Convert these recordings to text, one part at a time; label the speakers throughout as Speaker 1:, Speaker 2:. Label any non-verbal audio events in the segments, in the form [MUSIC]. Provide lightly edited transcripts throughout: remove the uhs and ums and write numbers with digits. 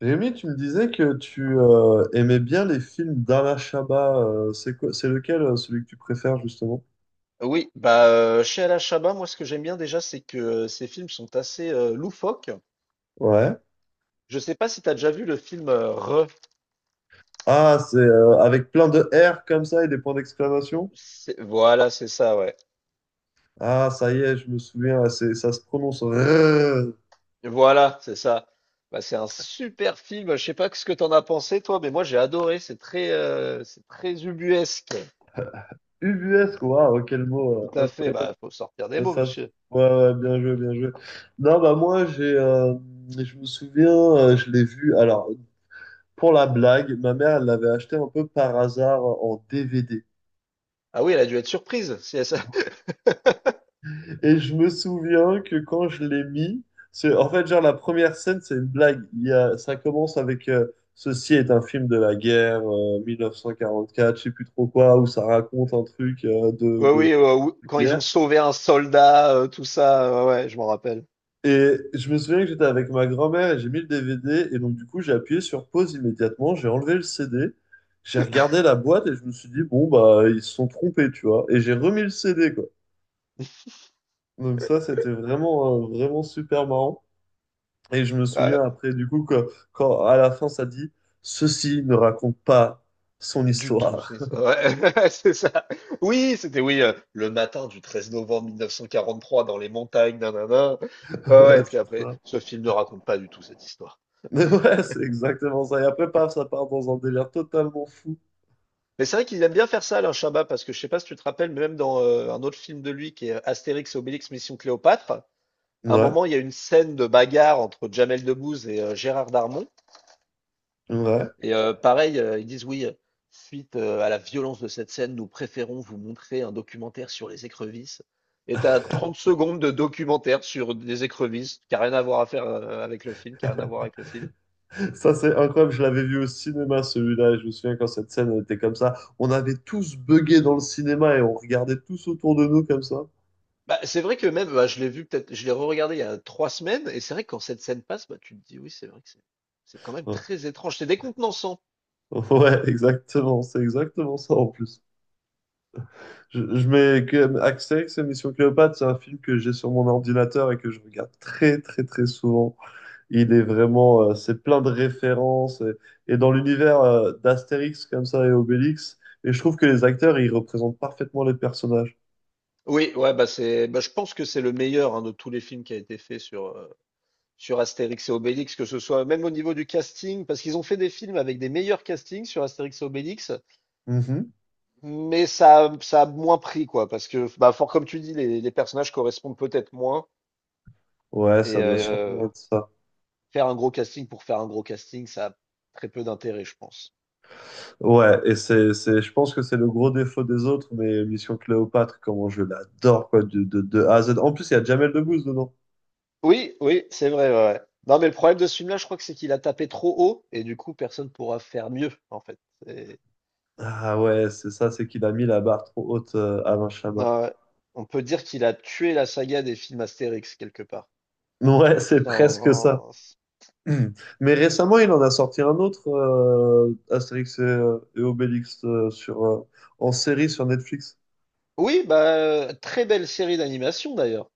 Speaker 1: Rémi, tu me disais que tu aimais bien les films d'Alain Chabat. C'est quoi, c'est lequel, celui que tu préfères, justement?
Speaker 2: Oui, bah, chez Alain Chabat, moi, ce que j'aime bien déjà, c'est que ces films sont assez loufoques.
Speaker 1: Ouais.
Speaker 2: Je sais pas si tu as déjà vu le film Re.
Speaker 1: Ah, c'est avec plein de R comme ça et des points d'exclamation?
Speaker 2: Voilà, c'est ça, ouais.
Speaker 1: Ah, ça y est, je me souviens, ah, c'est, ça se prononce RRR.
Speaker 2: Voilà, c'est ça. Bah, c'est un super film. Je sais pas ce que t'en as pensé, toi, mais moi, j'ai adoré. C'est c'est très ubuesque.
Speaker 1: Ubuesque. Waouh, quel mot.
Speaker 2: Tout à fait. Bah, faut sortir des mots,
Speaker 1: Ça, se-
Speaker 2: monsieur.
Speaker 1: ouais, ouais, bien joué, bien joué. Non, bah moi, je me souviens, je l'ai vu. Alors, pour la blague, ma mère, elle l'avait acheté un peu par hasard en DVD.
Speaker 2: Ah oui, elle a dû être surprise. Si elle [LAUGHS]
Speaker 1: Et je me souviens que quand je l'ai mis, en fait, genre, la première scène, c'est une blague. Il y a, ça commence avec ceci est un film de la guerre, 1944, je sais plus trop quoi, où ça raconte un truc
Speaker 2: Ouais, oui,
Speaker 1: de
Speaker 2: quand ils ont
Speaker 1: guerre.
Speaker 2: sauvé un soldat, tout ça. Ouais, ouais, je m'en rappelle.
Speaker 1: Et je me souviens que j'étais avec ma grand-mère et j'ai mis le DVD. Et donc, du coup, j'ai appuyé sur pause immédiatement, j'ai enlevé le CD, j'ai regardé la boîte et je me suis dit, bon, bah, ils se sont trompés, tu vois. Et j'ai remis le CD, quoi. Donc, ça, c'était vraiment, vraiment super marrant. Et je me
Speaker 2: Ouais,
Speaker 1: souviens après, du coup, que, quand à la fin, ça dit, ceci ne raconte pas son
Speaker 2: du tout,
Speaker 1: histoire.
Speaker 2: c'est ça. Ouais, [LAUGHS] c'est ça. Oui, c'était oui, le matin du 13 novembre 1943 dans les montagnes, nin ouais,
Speaker 1: [LAUGHS]
Speaker 2: ouais,
Speaker 1: Ouais,
Speaker 2: et puis
Speaker 1: c'est
Speaker 2: après,
Speaker 1: ça.
Speaker 2: ce film ne raconte pas du tout cette histoire.
Speaker 1: Mais ouais, c'est exactement ça. Et après, paf, ça part dans un délire totalement fou.
Speaker 2: Mais c'est vrai qu'ils aiment bien faire ça Alain Chabat parce que je sais pas si tu te rappelles, mais même dans, un autre film de lui qui est, Astérix et Obélix Mission Cléopâtre, à un
Speaker 1: Ouais,
Speaker 2: moment, il y a une scène de bagarre entre Jamel Debbouze et Gérard Darmon.
Speaker 1: ouais.
Speaker 2: Et pareil, ils disent oui, suite à la violence de cette scène, nous préférons vous montrer un documentaire sur les écrevisses. Et t'as 30 secondes de documentaire sur des écrevisses, qui n'a rien à voir à faire avec le film, qui n'a rien à voir avec le film.
Speaker 1: Ça, c'est incroyable. Je l'avais vu au cinéma, celui-là. Et je me souviens quand cette scène elle était comme ça. On avait tous buggé dans le cinéma et on regardait tous autour de nous comme ça.
Speaker 2: Bah, c'est vrai que même, bah, je l'ai vu peut-être, je l'ai re-regardé il y a 3 semaines, et c'est vrai que quand cette scène passe, bah, tu te dis oui, c'est vrai que c'est quand même
Speaker 1: Ouais,
Speaker 2: très étrange, c'est décontenançant.
Speaker 1: [LAUGHS] ouais, exactement. C'est exactement ça en plus. Je mets que Astérix et Mission Cléopâtre, c'est un film que j'ai sur mon ordinateur et que je regarde très très très souvent. Il est vraiment, c'est plein de références et dans l'univers d'Astérix comme ça et Obélix. Et je trouve que les acteurs, ils représentent parfaitement les personnages.
Speaker 2: Oui, ouais, bah c'est, bah, je pense que c'est le meilleur hein, de tous les films qui a été fait sur, sur Astérix et Obélix, que ce soit même au niveau du casting, parce qu'ils ont fait des films avec des meilleurs castings sur Astérix et Obélix,
Speaker 1: Mhm.
Speaker 2: mais ça a moins pris, quoi, parce que, bah, fort comme tu dis, les personnages correspondent peut-être moins,
Speaker 1: Ouais, ça
Speaker 2: et
Speaker 1: doit sûrement être ça.
Speaker 2: faire un gros casting pour faire un gros casting, ça a très peu d'intérêt, je pense.
Speaker 1: Ouais, et je pense que c'est le gros défaut des autres, mais Mission Cléopâtre, comment je l'adore, quoi, de A à Z. En plus, il y a Jamel Debbouze dedans.
Speaker 2: Oui, oui, c'est vrai, ouais, ouais. Non, mais le problème de ce film-là, je crois que c'est qu'il a tapé trop haut, et du coup, personne pourra faire mieux, en fait. C'est-
Speaker 1: Ah ouais, c'est ça, c'est qu'il a mis la barre trop haute, Alain
Speaker 2: Ouais,
Speaker 1: Chabat.
Speaker 2: ouais. On peut dire qu'il a tué la saga des films Astérix, quelque part.
Speaker 1: [LAUGHS] Ouais, c'est presque ça.
Speaker 2: Sans-
Speaker 1: [CLEARS THROAT] Mais récemment, il en a sorti un autre, Astérix et Obélix, en série sur Netflix.
Speaker 2: Oui, bah, très belle série d'animation d'ailleurs.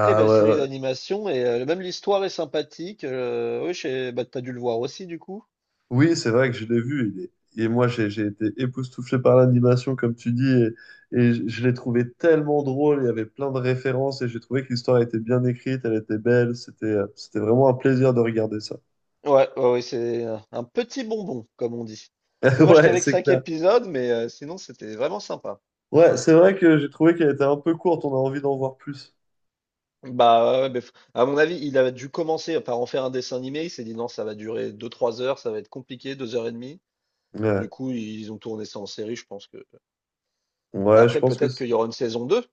Speaker 2: Très belle
Speaker 1: ouais,
Speaker 2: série
Speaker 1: ouais.
Speaker 2: d'animation et même l'histoire est sympathique. Oui, bah, t'as dû le voir aussi du coup.
Speaker 1: Oui, c'est vrai que je l'ai vu. Et moi, j'ai été époustouflé par l'animation, comme tu dis. Et je l'ai trouvé tellement drôle. Il y avait plein de références. Et j'ai trouvé que l'histoire était bien écrite. Elle était belle. C'était c'était vraiment un plaisir de regarder ça.
Speaker 2: Ouais, ouais, ouais, c'est un petit bonbon, comme on dit.
Speaker 1: [LAUGHS]
Speaker 2: Dommage
Speaker 1: Ouais,
Speaker 2: qu'avec
Speaker 1: c'est
Speaker 2: cinq
Speaker 1: clair.
Speaker 2: épisodes, mais sinon c'était vraiment sympa.
Speaker 1: Ouais, c'est vrai que j'ai trouvé qu'elle était un peu courte. On a envie d'en voir plus.
Speaker 2: Bah, ouais, mais à mon avis, il a dû commencer par en faire un dessin animé. Il s'est dit non, ça va durer 2-3 heures, ça va être compliqué, 2 heures et demie. Du
Speaker 1: Ouais,
Speaker 2: coup, ils ont tourné ça en série, je pense que. Bah,
Speaker 1: ouais, je
Speaker 2: après,
Speaker 1: pense que.
Speaker 2: peut-être
Speaker 1: C'est-
Speaker 2: qu'il y aura une saison 2,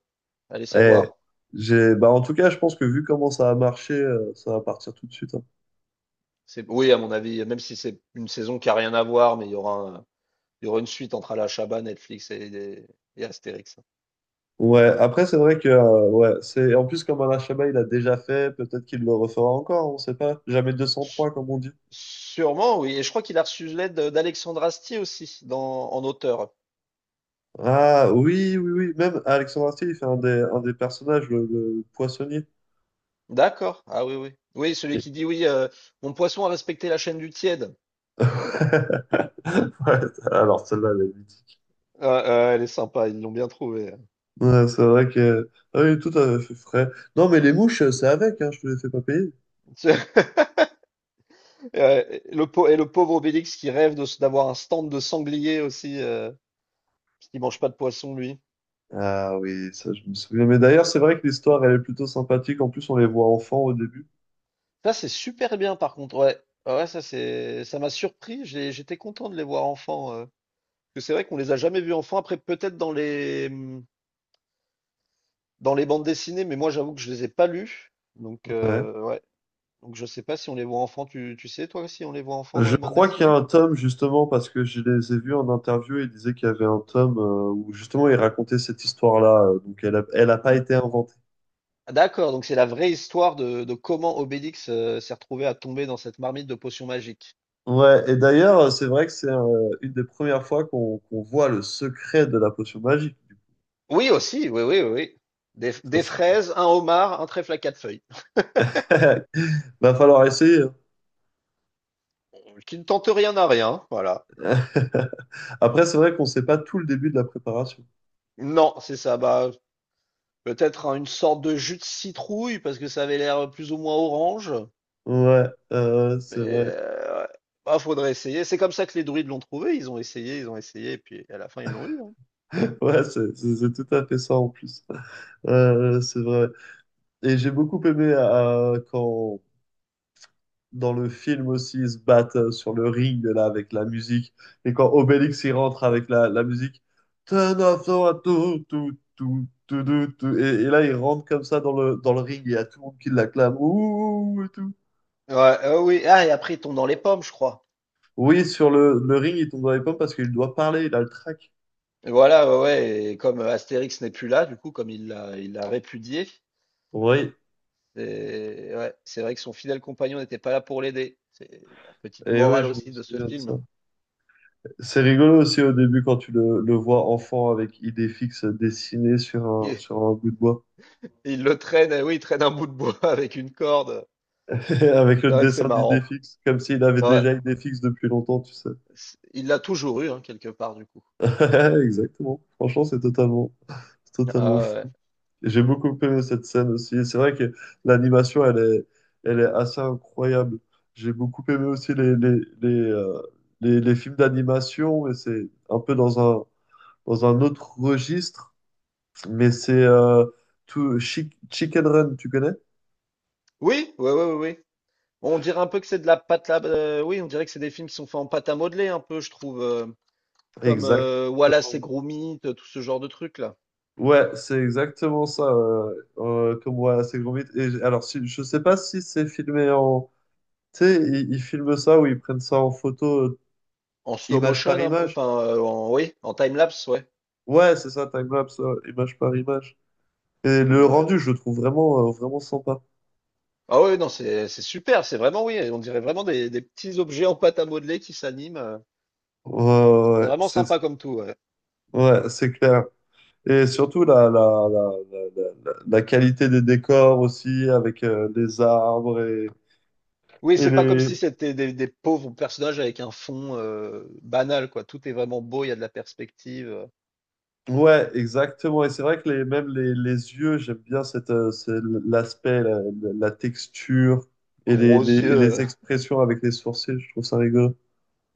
Speaker 2: allez
Speaker 1: Eh,
Speaker 2: savoir.
Speaker 1: bah en tout cas, je pense que vu comment ça a marché, ça va partir tout de suite, hein.
Speaker 2: C'est, oui, à mon avis, même si c'est une saison qui a rien à voir, mais il y aura, il y aura une suite entre Alachaba, Netflix et Astérix.
Speaker 1: Ouais, après, c'est vrai que, en plus, comme Alain Chabat, il a déjà fait, peut-être qu'il le refera encore, on sait pas. Jamais deux cent
Speaker 2: S-
Speaker 1: trois comme on dit.
Speaker 2: Sûrement, oui. Et je crois qu'il a reçu l'aide d'Alexandre Astier aussi dans, en auteur.
Speaker 1: Ah, oui, oui, oui. Même Alexandre Astier, il fait un des personnages, le poissonnier.
Speaker 2: D'accord. Ah oui, oui. Oui, celui
Speaker 1: Et-
Speaker 2: qui dit oui, mon poisson a respecté la chaîne du tiède.
Speaker 1: [LAUGHS] Ouais, alors celle-là, elle est mythique.
Speaker 2: Ah, ah, elle est sympa, ils l'ont bien trouvé.
Speaker 1: Ouais, c'est vrai que, ah oui, tout à fait frais. Non, mais les mouches, c'est avec, hein, je te les fais pas payer.
Speaker 2: [LAUGHS] Et le pauvre Obélix qui rêve de, d'avoir un stand de sanglier aussi, parce qu'il mange pas de poisson, lui.
Speaker 1: Ah oui, ça je me souviens. Mais d'ailleurs, c'est vrai que l'histoire, elle est plutôt sympathique. En plus, on les voit enfants au début.
Speaker 2: Ça, c'est super bien par contre, ouais. Ah ouais, ça c'est ça m'a surpris, j'étais content de les voir enfants. Parce que c'est vrai qu'on les a jamais vus enfants, après peut-être dans les bandes dessinées, mais moi j'avoue que je les ai pas lus. Donc
Speaker 1: Ouais.
Speaker 2: ouais. Donc je sais pas si on les voit enfants, tu sais toi si on les voit enfants dans
Speaker 1: Je
Speaker 2: les bandes
Speaker 1: crois qu'il y a
Speaker 2: dessinées?
Speaker 1: un tome, justement, parce que je les ai vus en interview et ils disaient qu'il y avait un tome où, justement, ils racontaient cette histoire-là. Donc, elle a pas
Speaker 2: Mm.
Speaker 1: été inventée.
Speaker 2: Ah, d'accord, donc c'est la vraie histoire de comment Obélix s'est retrouvé à tomber dans cette marmite de potions magiques.
Speaker 1: Ouais, et d'ailleurs, c'est vrai que c'est une des premières fois qu'on voit le secret de la potion magique.
Speaker 2: Oui aussi, oui, oui, oui, oui.
Speaker 1: Ça,
Speaker 2: Des
Speaker 1: c'est-
Speaker 2: fraises, un homard, un trèfle à quatre feuilles.
Speaker 1: [LAUGHS] Va falloir essayer, hein.
Speaker 2: Qui ne tente rien à rien, hein, voilà.
Speaker 1: [LAUGHS] Après, c'est vrai qu'on sait pas tout le début de la préparation.
Speaker 2: Non, c'est ça. Bah, peut-être hein, une sorte de jus de citrouille parce que ça avait l'air plus ou moins orange.
Speaker 1: Ouais,
Speaker 2: Mais
Speaker 1: c'est vrai.
Speaker 2: ouais. Bah, faudrait essayer. C'est comme ça que les druides l'ont trouvé. Ils ont essayé, et puis à la fin ils l'ont eu, hein.
Speaker 1: Ouais, c'est tout à fait ça en plus. C'est vrai. Et j'ai beaucoup aimé quand dans le film aussi ils se battent sur le ring là avec la musique et quand Obélix il rentre avec la musique. Tenazo, tout, tout, tout, tout, tout, tout. Et là il rentre comme ça dans dans le ring et il y a tout le monde qui l'acclame. Ouh, et tout.
Speaker 2: Ouais, oui. Ah, et après ils tombent dans les pommes, je crois.
Speaker 1: Oui, sur le ring il tombe dans les pommes parce qu'il doit parler, il a le trac.
Speaker 2: Et voilà, ouais, ouais. Et comme Astérix n'est plus là, du coup, comme il l'a répudié,
Speaker 1: Oui,
Speaker 2: c'est ouais, c'est vrai que son fidèle compagnon n'était pas là pour l'aider. C'est la petite
Speaker 1: et oui,
Speaker 2: morale
Speaker 1: je me
Speaker 2: aussi de ce
Speaker 1: souviens de ça.
Speaker 2: film.
Speaker 1: C'est rigolo aussi au début quand tu le vois enfant avec Idéfix dessiné sur sur un bout de bois,
Speaker 2: [LAUGHS] Il le traîne, eh oui, il traîne un bout de bois [LAUGHS] avec une corde.
Speaker 1: [LAUGHS] avec le
Speaker 2: C'est vrai que c'est
Speaker 1: dessin
Speaker 2: marrant.
Speaker 1: d'Idéfix, comme s'il avait
Speaker 2: Ouais,
Speaker 1: déjà Idéfix depuis longtemps, tu sais.
Speaker 2: il l'a toujours eu, hein, quelque part, du coup.
Speaker 1: [LAUGHS] Exactement. Franchement, c'est totalement
Speaker 2: Euh,
Speaker 1: fou. Et j'ai beaucoup aimé cette scène aussi. Et c'est vrai que l'animation, elle est assez incroyable. J'ai beaucoup aimé aussi les films d'animation, mais c'est un peu dans un autre registre. Mais c'est Chicken Run, tu connais?
Speaker 2: oui, oui, oui, oui, oui. Bon, on dirait un peu que c'est de la pâte à... oui, on dirait que c'est des films qui sont faits en pâte à modeler, un peu, je trouve. Comme
Speaker 1: Exactement.
Speaker 2: Wallace et Gromit, tout ce genre de trucs, là.
Speaker 1: Ouais, c'est exactement ça. Comme voilà, c'est gros mythe. Alors, si, je sais pas si c'est filmé en. Tu sais, ils filment ça ou ils prennent ça en photo,
Speaker 2: En slow
Speaker 1: image par
Speaker 2: motion, un peu.
Speaker 1: image.
Speaker 2: Enfin, oui, en time-lapse, ouais.
Speaker 1: Ouais, c'est ça, timelapse, image par image. Et le
Speaker 2: Ouais, ouais.
Speaker 1: rendu, je le trouve vraiment, vraiment sympa.
Speaker 2: Ah oui, non, c'est super, c'est vraiment, oui. On dirait vraiment des petits objets en pâte à modeler qui s'animent.
Speaker 1: Ouais, ouais,
Speaker 2: C'est
Speaker 1: ouais,
Speaker 2: vraiment sympa comme tout, ouais.
Speaker 1: c'est clair. Et surtout la qualité des décors aussi, avec les arbres et,
Speaker 2: Oui,
Speaker 1: Et
Speaker 2: c'est pas comme
Speaker 1: les...
Speaker 2: si c'était des pauvres personnages avec un fond banal, quoi. Tout est vraiment beau, il y a de la perspective,
Speaker 1: Ouais, exactement. Et c'est vrai que les yeux, j'aime bien cette, c'est l'aspect, la texture et les, les,
Speaker 2: gros yeux.
Speaker 1: et les
Speaker 2: euh.
Speaker 1: expressions avec les sourcils, je trouve ça rigolo.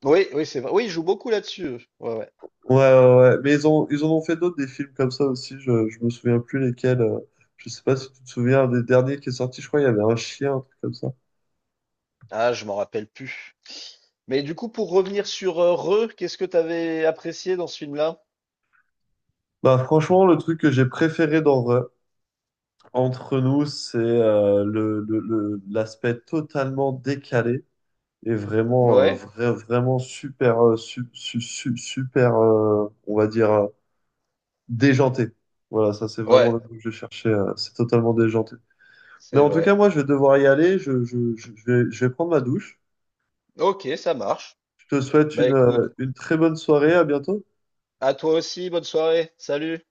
Speaker 2: Oui, oui, c'est vrai. Oui, il joue beaucoup là-dessus. Ouais, ouais.
Speaker 1: Ouais, ouais, ouais. Mais ils ont, ils en ont fait d'autres, des films comme ça aussi, je me souviens plus lesquels. Je sais pas si tu te souviens des derniers qui est sorti, je crois il y avait un chien, un truc comme ça.
Speaker 2: Ah, je m'en rappelle plus. Mais du coup, pour revenir sur Re, qu'est-ce que t'avais apprécié dans ce film-là?
Speaker 1: Bah franchement, le truc que j'ai préféré dans Re- entre nous, c'est l'aspect totalement décalé est vraiment,
Speaker 2: Ouais,
Speaker 1: vraiment super, super, on va dire, déjanté. Voilà, ça c'est vraiment
Speaker 2: ouais,
Speaker 1: le mot que je cherchais. C'est totalement déjanté. Mais
Speaker 2: c'est
Speaker 1: en tout cas,
Speaker 2: vrai.
Speaker 1: moi, je vais devoir y aller. Je vais prendre ma douche.
Speaker 2: Ok, ça marche.
Speaker 1: Je te souhaite
Speaker 2: Bah écoute,
Speaker 1: une très bonne soirée. À bientôt.
Speaker 2: à toi aussi, bonne soirée. Salut.